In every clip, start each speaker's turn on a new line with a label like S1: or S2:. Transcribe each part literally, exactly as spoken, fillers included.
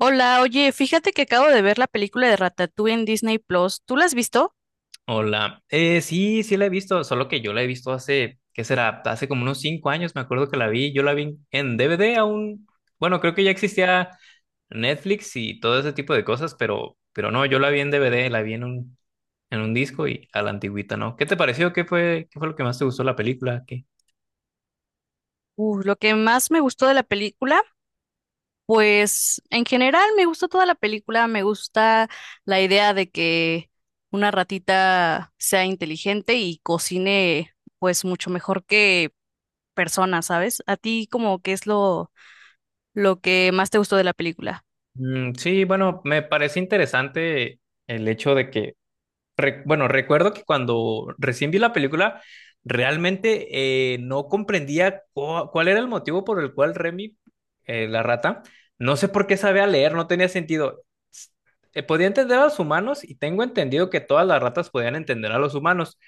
S1: Hola, oye, fíjate que acabo de ver la película de Ratatouille en Disney Plus. ¿Tú la has visto?
S2: Hola. Eh, sí, sí la he visto, solo que yo la he visto hace, ¿qué será? Hace como unos cinco años, me acuerdo que la vi. Yo la vi en D V D aún. Bueno, creo que ya existía Netflix y todo ese tipo de cosas, pero, pero no, yo la vi en D V D, la vi en un, en un disco y a la antigüita, ¿no? ¿Qué te pareció? ¿Qué fue, qué fue lo que más te gustó de la película? ¿Qué?
S1: Uh, lo que más me gustó de la película, pues en general me gustó toda la película, me gusta la idea de que una ratita sea inteligente y cocine pues mucho mejor que personas, ¿sabes? ¿A ti como qué es lo lo que más te gustó de la película?
S2: Mm, sí, bueno, me parece interesante el hecho de que Re- bueno, recuerdo que cuando recién vi la película, realmente eh, no comprendía cu- cuál era el motivo por el cual Remy, eh, la rata, no sé por qué sabía leer, no tenía sentido. S- eh, Podía entender a los humanos y tengo entendido que todas las ratas podían entender a los humanos,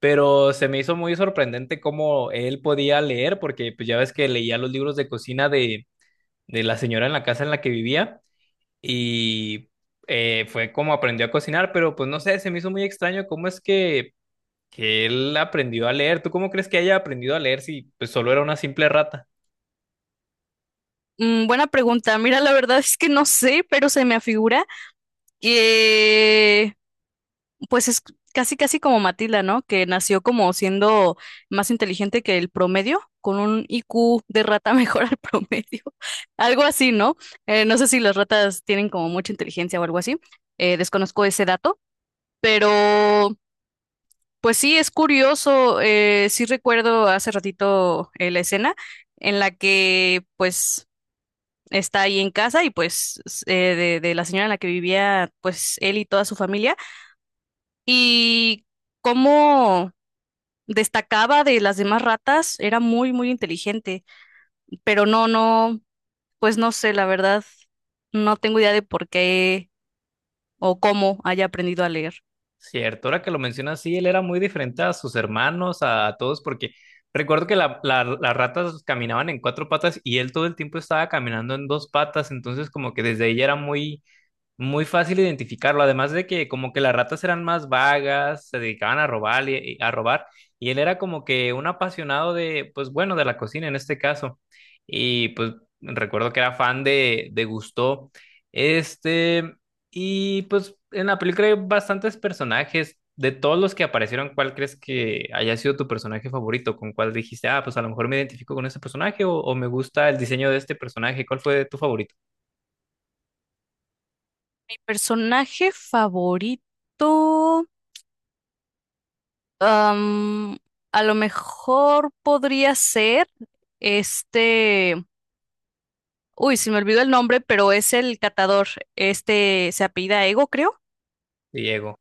S2: pero se me hizo muy sorprendente cómo él podía leer, porque pues ya ves que leía los libros de cocina de, de la señora en la casa en la que vivía y eh, fue como aprendió a cocinar, pero pues no sé, se me hizo muy extraño cómo es que, que él aprendió a leer. ¿Tú cómo crees que haya aprendido a leer si pues, solo era una simple rata?
S1: Mm, buena pregunta. Mira, la verdad es que no sé, pero se me afigura que pues es casi, casi como Matilda, ¿no? Que nació como siendo más inteligente que el promedio, con un I Q de rata mejor al promedio. Algo así, ¿no? Eh, no sé si las ratas tienen como mucha inteligencia o algo así. Eh, desconozco ese dato, pero pues sí, es curioso. Eh, sí recuerdo hace ratito eh, la escena en la que pues está ahí en casa y pues s- eh, de de la señora en la que vivía pues él y toda su familia. Y cómo destacaba de las demás ratas, era muy, muy inteligente, pero no, no, pues no sé, la verdad, no tengo idea de por qué o cómo haya aprendido a leer.
S2: Cierto, ahora que lo mencionas, sí, él era muy diferente a sus hermanos, a, a todos, porque recuerdo que la- la- las ratas caminaban en cuatro patas y él todo el tiempo estaba caminando en dos patas, entonces como que desde ella era muy muy fácil identificarlo, además de que como que las ratas eran más vagas, se dedicaban a robar y, a robar, y él era como que un apasionado de, pues bueno, de la cocina en este caso. Y pues recuerdo que era fan de, de Gusteau. Este, y pues en la película hay bastantes personajes. De todos los que aparecieron, ¿cuál crees que haya sido tu personaje favorito? ¿Con cuál dijiste, ah, pues a lo mejor me identifico con ese personaje o, o me gusta el diseño de este personaje? ¿Cuál fue tu favorito,
S1: Mi personaje favorito, am, a lo mejor podría ser este, uy, se me olvidó el nombre, pero es el catador, este se apellida Ego, creo.
S2: Diego?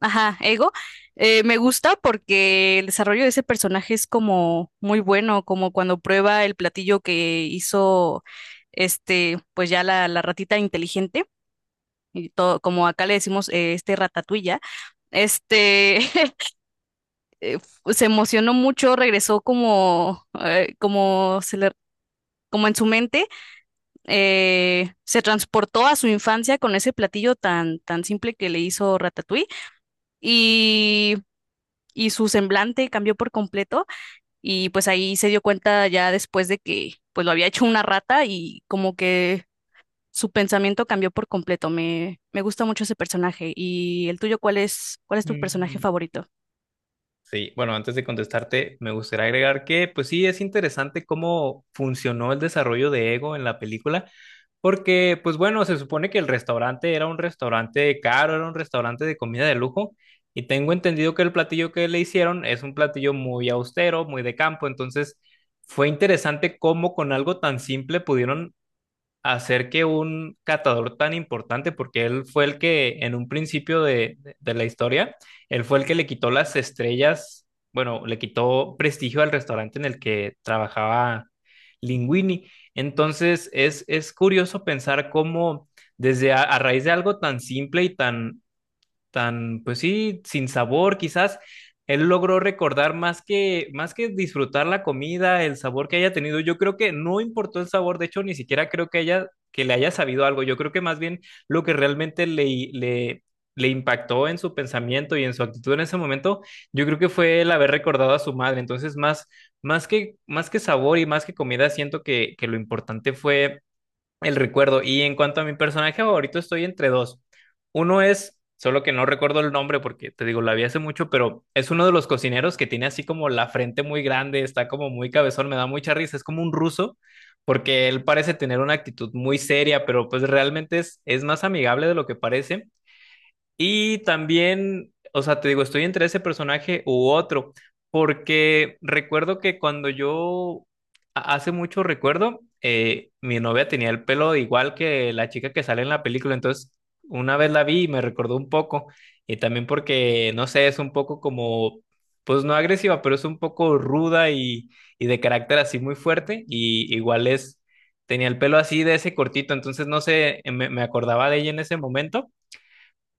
S1: Ajá, Ego, eh, me gusta porque el desarrollo de ese personaje es como muy bueno, como cuando prueba el platillo que hizo este, pues ya la, la ratita inteligente, y todo, como acá le decimos, eh, este ratatouille, este, se emocionó mucho, regresó como, eh, como se le, como en su mente, eh, se transportó a su infancia con ese platillo tan, tan simple que le hizo Ratatouille y, y su semblante cambió por completo. Y pues ahí se dio cuenta ya después de que pues lo había hecho una rata y como que su pensamiento cambió por completo. Me, me gusta mucho ese personaje. ¿Y el tuyo cuál es, cuál es tu personaje favorito?
S2: Sí, bueno, antes de contestarte, me gustaría agregar que, pues sí, es interesante cómo funcionó el desarrollo de Ego en la película, porque, pues bueno, se supone que el restaurante era un restaurante caro, era un restaurante de comida de lujo, y tengo entendido que el platillo que le hicieron es un platillo muy austero, muy de campo, entonces fue interesante cómo con algo tan simple pudieron hacer que un catador tan importante, porque él fue el que en un principio de, de- de la historia, él fue el que le quitó las estrellas, bueno, le quitó prestigio al restaurante en el que trabajaba Linguini. Entonces es, es curioso pensar cómo desde a, a raíz de algo tan simple y tan tan, pues sí, sin sabor, quizás él logró recordar más que, más que disfrutar la comida, el sabor que haya tenido. Yo creo que no importó el sabor, de hecho, ni siquiera creo que haya, que le haya sabido algo. Yo creo que más bien lo que realmente le, le, le impactó en su pensamiento y en su actitud en ese momento, yo creo que fue el haber recordado a su madre. Entonces, más, más que, más que sabor y más que comida, siento que, que lo importante fue el recuerdo. Y en cuanto a mi personaje favorito, estoy entre dos. Uno es, solo que no recuerdo el nombre porque te digo, la vi hace mucho, pero es uno de los cocineros que tiene así como la frente muy grande, está como muy cabezón, me da mucha risa, es como un ruso, porque él parece tener una actitud muy seria, pero pues realmente es, es más amigable de lo que parece. Y también, o sea, te digo, estoy entre ese personaje u otro, porque recuerdo que cuando yo, a- hace mucho recuerdo, eh, mi novia tenía el pelo igual que la chica que sale en la película, entonces una vez la vi y me recordó un poco, y también porque, no sé, es un poco como, pues no agresiva, pero es un poco ruda y, y de carácter así muy fuerte, y igual es, tenía el pelo así de ese cortito, entonces no sé, me me acordaba de ella en ese momento.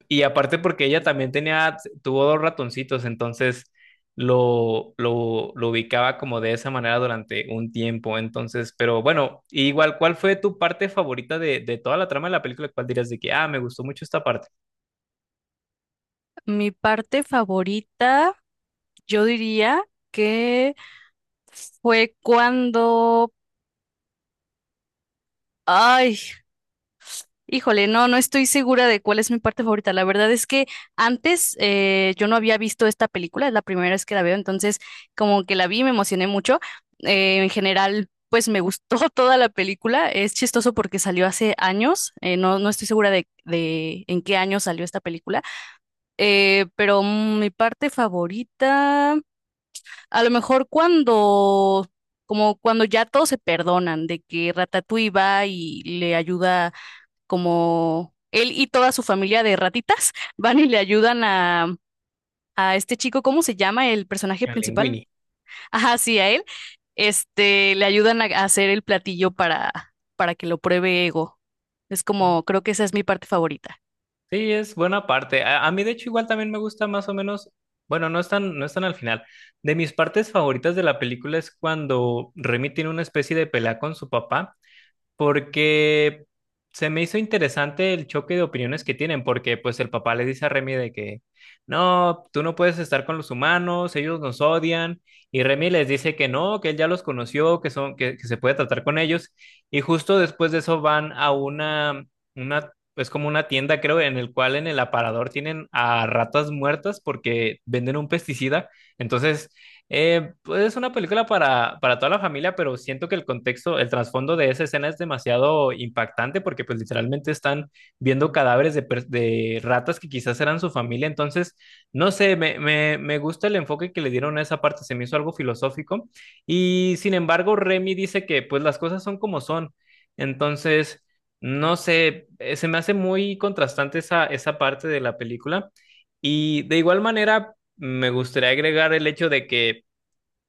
S2: Y aparte porque ella también tenía, tuvo dos ratoncitos, entonces lo, lo, lo ubicaba como de esa manera durante un tiempo. Entonces, pero bueno, igual, ¿cuál fue tu parte favorita de, de toda la trama de la película? ¿Cuál dirías de que, ah, me gustó mucho esta parte?
S1: Mi parte favorita, yo diría que fue cuando, ay, híjole, no, no estoy segura de cuál es mi parte favorita. La verdad es que antes eh, yo no había visto esta película, es la primera vez que la veo, entonces como que la vi y me emocioné mucho. Eh, en general, pues me gustó toda la película. Es chistoso porque salió hace años, eh, no, no estoy segura de, de en qué año salió esta película, eh, pero mm, mi parte favorita, a lo mejor cuando... Como cuando ya todos se perdonan de que Ratatouille va y le ayuda como él y toda su familia de ratitas van y le ayudan a, a este chico, ¿cómo se llama el personaje
S2: La
S1: principal?
S2: Linguini.
S1: Ajá, sí, a él. Este, le ayudan a a hacer el platillo para, para que lo pruebe Ego. Es
S2: Mm.
S1: como, creo que esa es mi parte favorita.
S2: Sí, es buena parte. A, a mí, de hecho, igual también me gusta más o menos, bueno, no están, no están al final. De mis partes favoritas de la película es cuando Remy tiene una especie de pelea con su papá porque se me hizo interesante el choque de opiniones que tienen, porque pues el papá le dice a Remy de que, no, tú no puedes estar con los humanos, ellos nos odian, y Remy les dice que no, que él ya los conoció, que son, que, que se puede tratar con ellos, y justo después de eso van a una, una, es como una tienda, creo, en el cual en el aparador tienen a ratas muertas porque venden un pesticida, entonces eh, pues es una película para, para toda la familia, pero siento que el contexto, el trasfondo de esa escena es demasiado impactante porque pues literalmente están viendo cadáveres de, per- de ratas que quizás eran su familia. Entonces, no sé, me, me, me gusta el enfoque que le dieron a esa parte, se me hizo algo filosófico. Y sin embargo, Remy dice que pues las cosas son como son. Entonces, no sé, eh, se me hace muy contrastante esa, esa parte de la película. Y de igual manera, me gustaría agregar el hecho de que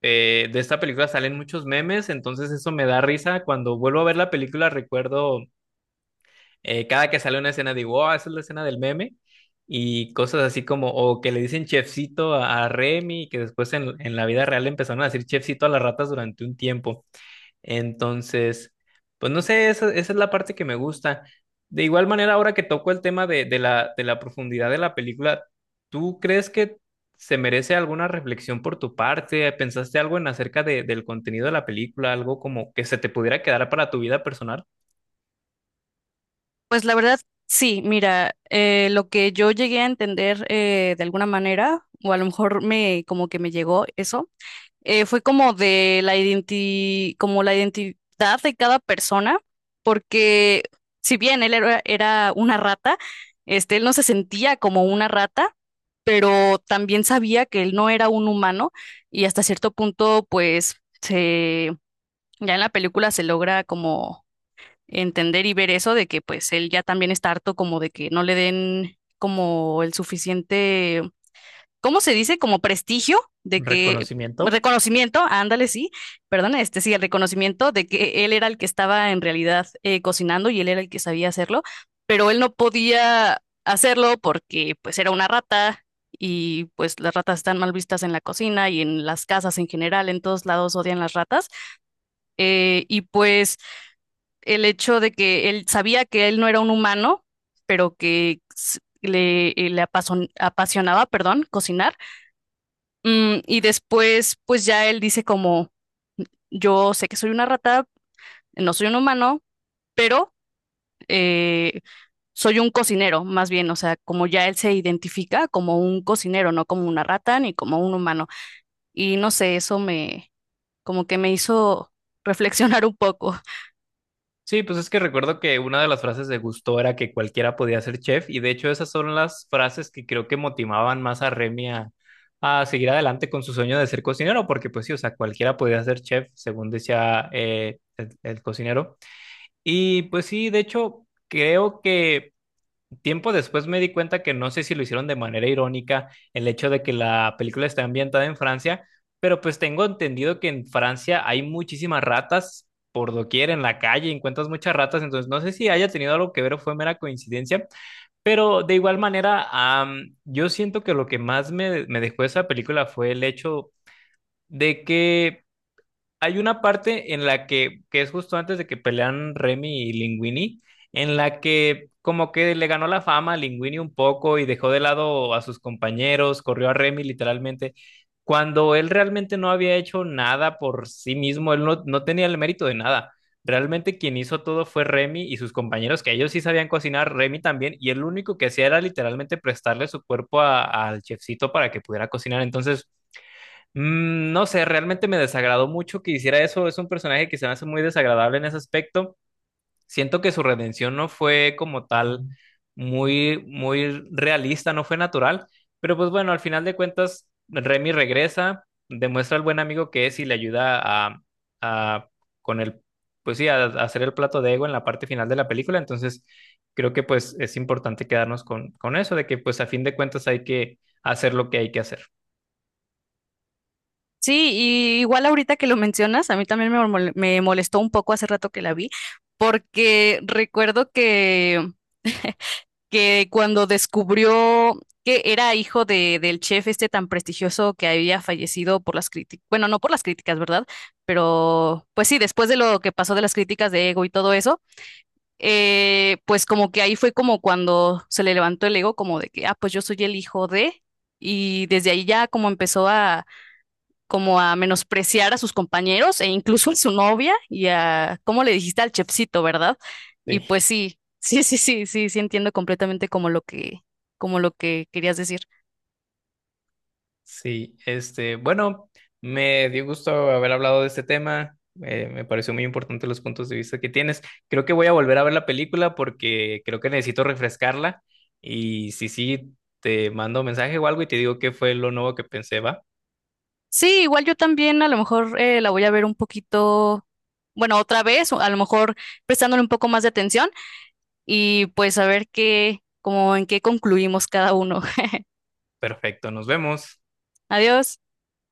S2: eh, de esta película salen muchos memes, entonces eso me da risa. Cuando vuelvo a ver la película, recuerdo eh, cada que sale una escena, digo, oh, esa es la escena del meme. Y cosas así como, o que le dicen chefcito a, a Remy, que después en, en la vida real empezaron a decir chefcito a las ratas durante un tiempo. Entonces, pues no sé, esa, esa es la parte que me gusta. De igual manera, ahora que toco el tema de, de la, de la profundidad de la película, ¿tú crees que se merece alguna reflexión por tu parte? ¿Pensaste algo en acerca de- del contenido de la película? ¿Algo como que se te pudiera quedar para tu vida personal?
S1: Pues la verdad, sí, mira, eh, lo que yo llegué a entender eh, de alguna manera, o a lo mejor me, como que me llegó eso, eh, fue como de la identi- como la identidad de cada persona, porque si bien él era, era una rata, este, él no se sentía como una rata, pero también sabía que él no era un humano y hasta cierto punto, pues, se, ya en la película se logra como entender y ver eso de que pues él ya también está harto como de que no le den como el suficiente, ¿cómo se dice? Como prestigio de que,
S2: ¿Reconocimiento?
S1: reconocimiento, ándale, sí, perdón, este sí, el reconocimiento de que él era el que estaba en realidad eh, cocinando y él era el que sabía hacerlo, pero él no podía hacerlo porque pues era una rata y pues las ratas están mal vistas en la cocina y en las casas en general, en todos lados odian las ratas. Eh, y pues el hecho de que él sabía que él no era un humano, pero que s- le, le apason- apasionaba, perdón, cocinar. Mm, y después, pues ya él dice como, yo sé que soy una rata, no soy un humano, pero eh, soy un cocinero, más bien, o sea, como ya él se identifica como un cocinero, no como una rata ni como un humano. Y no sé, eso me, como que me hizo reflexionar un poco.
S2: Sí, pues es que recuerdo que una de las frases de Gusto era que cualquiera podía ser chef y de hecho esas son las frases que creo que motivaban más a Remy a, a seguir adelante con su sueño de ser cocinero, porque pues sí, o sea, cualquiera podía ser chef, según decía eh, el, el cocinero. Y pues sí, de hecho, creo que tiempo después me di cuenta que no sé si lo hicieron de manera irónica el hecho de que la película está ambientada en Francia, pero pues tengo entendido que en Francia hay muchísimas ratas por doquier en la calle, encuentras muchas ratas, entonces no sé si haya tenido algo que ver o fue mera coincidencia, pero de igual manera, am, yo siento que lo que más me, me dejó esa película fue el hecho de que hay una parte en la que, que es justo antes de que pelean Remy y Linguini, en la que como que le ganó la fama a Linguini un poco y dejó de lado a sus compañeros, corrió a Remy literalmente, cuando él realmente no había hecho nada por sí mismo, él no, no tenía el mérito de nada. Realmente quien hizo todo fue Remy y sus compañeros, que ellos sí sabían cocinar, Remy también, y el único que hacía era literalmente prestarle su cuerpo a- al chefcito para que pudiera cocinar. Entonces, Mm, no sé, realmente me desagradó mucho que hiciera eso. Es un personaje que se me hace muy desagradable en ese aspecto. Siento que su redención no fue como tal muy, muy realista, no fue natural. Pero pues bueno, al final de cuentas, Remy regresa, demuestra al buen amigo que es y le ayuda a, a- con el, pues sí, a, a hacer el plato de ego en la parte final de la película. Entonces, creo que pues es importante quedarnos con, con eso, de que pues a fin de cuentas hay que hacer lo que hay que hacer.
S1: Sí, y igual ahorita que lo mencionas, a mí también me mol- me molestó un poco hace rato que la vi, porque recuerdo que que cuando descubrió que era hijo de, del chef este tan prestigioso que había fallecido por las críticas, bueno, no por las críticas, ¿verdad? Pero pues sí, después de lo que pasó de las críticas de ego y todo eso, eh, pues como que ahí fue como cuando se le levantó el ego, como de que, ah, pues yo soy el hijo de, y desde ahí ya como empezó a, como a menospreciar a sus compañeros e incluso a su novia y a, ¿cómo le dijiste al chefcito, verdad? Y
S2: Sí.
S1: pues sí, sí, sí, sí, sí, sí entiendo completamente como lo que, como lo que querías decir.
S2: Sí, este, bueno, me dio gusto haber hablado de este tema. Eh, me pareció muy importante los puntos de vista que tienes. Creo que voy a volver a ver la película porque creo que necesito refrescarla. Y si sí, te mando mensaje o algo y te digo qué fue lo nuevo que pensé, va.
S1: Sí, igual yo también a lo mejor eh, la voy a ver un poquito, bueno, otra vez, o a lo mejor prestándole un poco más de atención y pues a ver qué, como en qué concluimos cada uno.
S2: Perfecto, nos vemos.
S1: Adiós.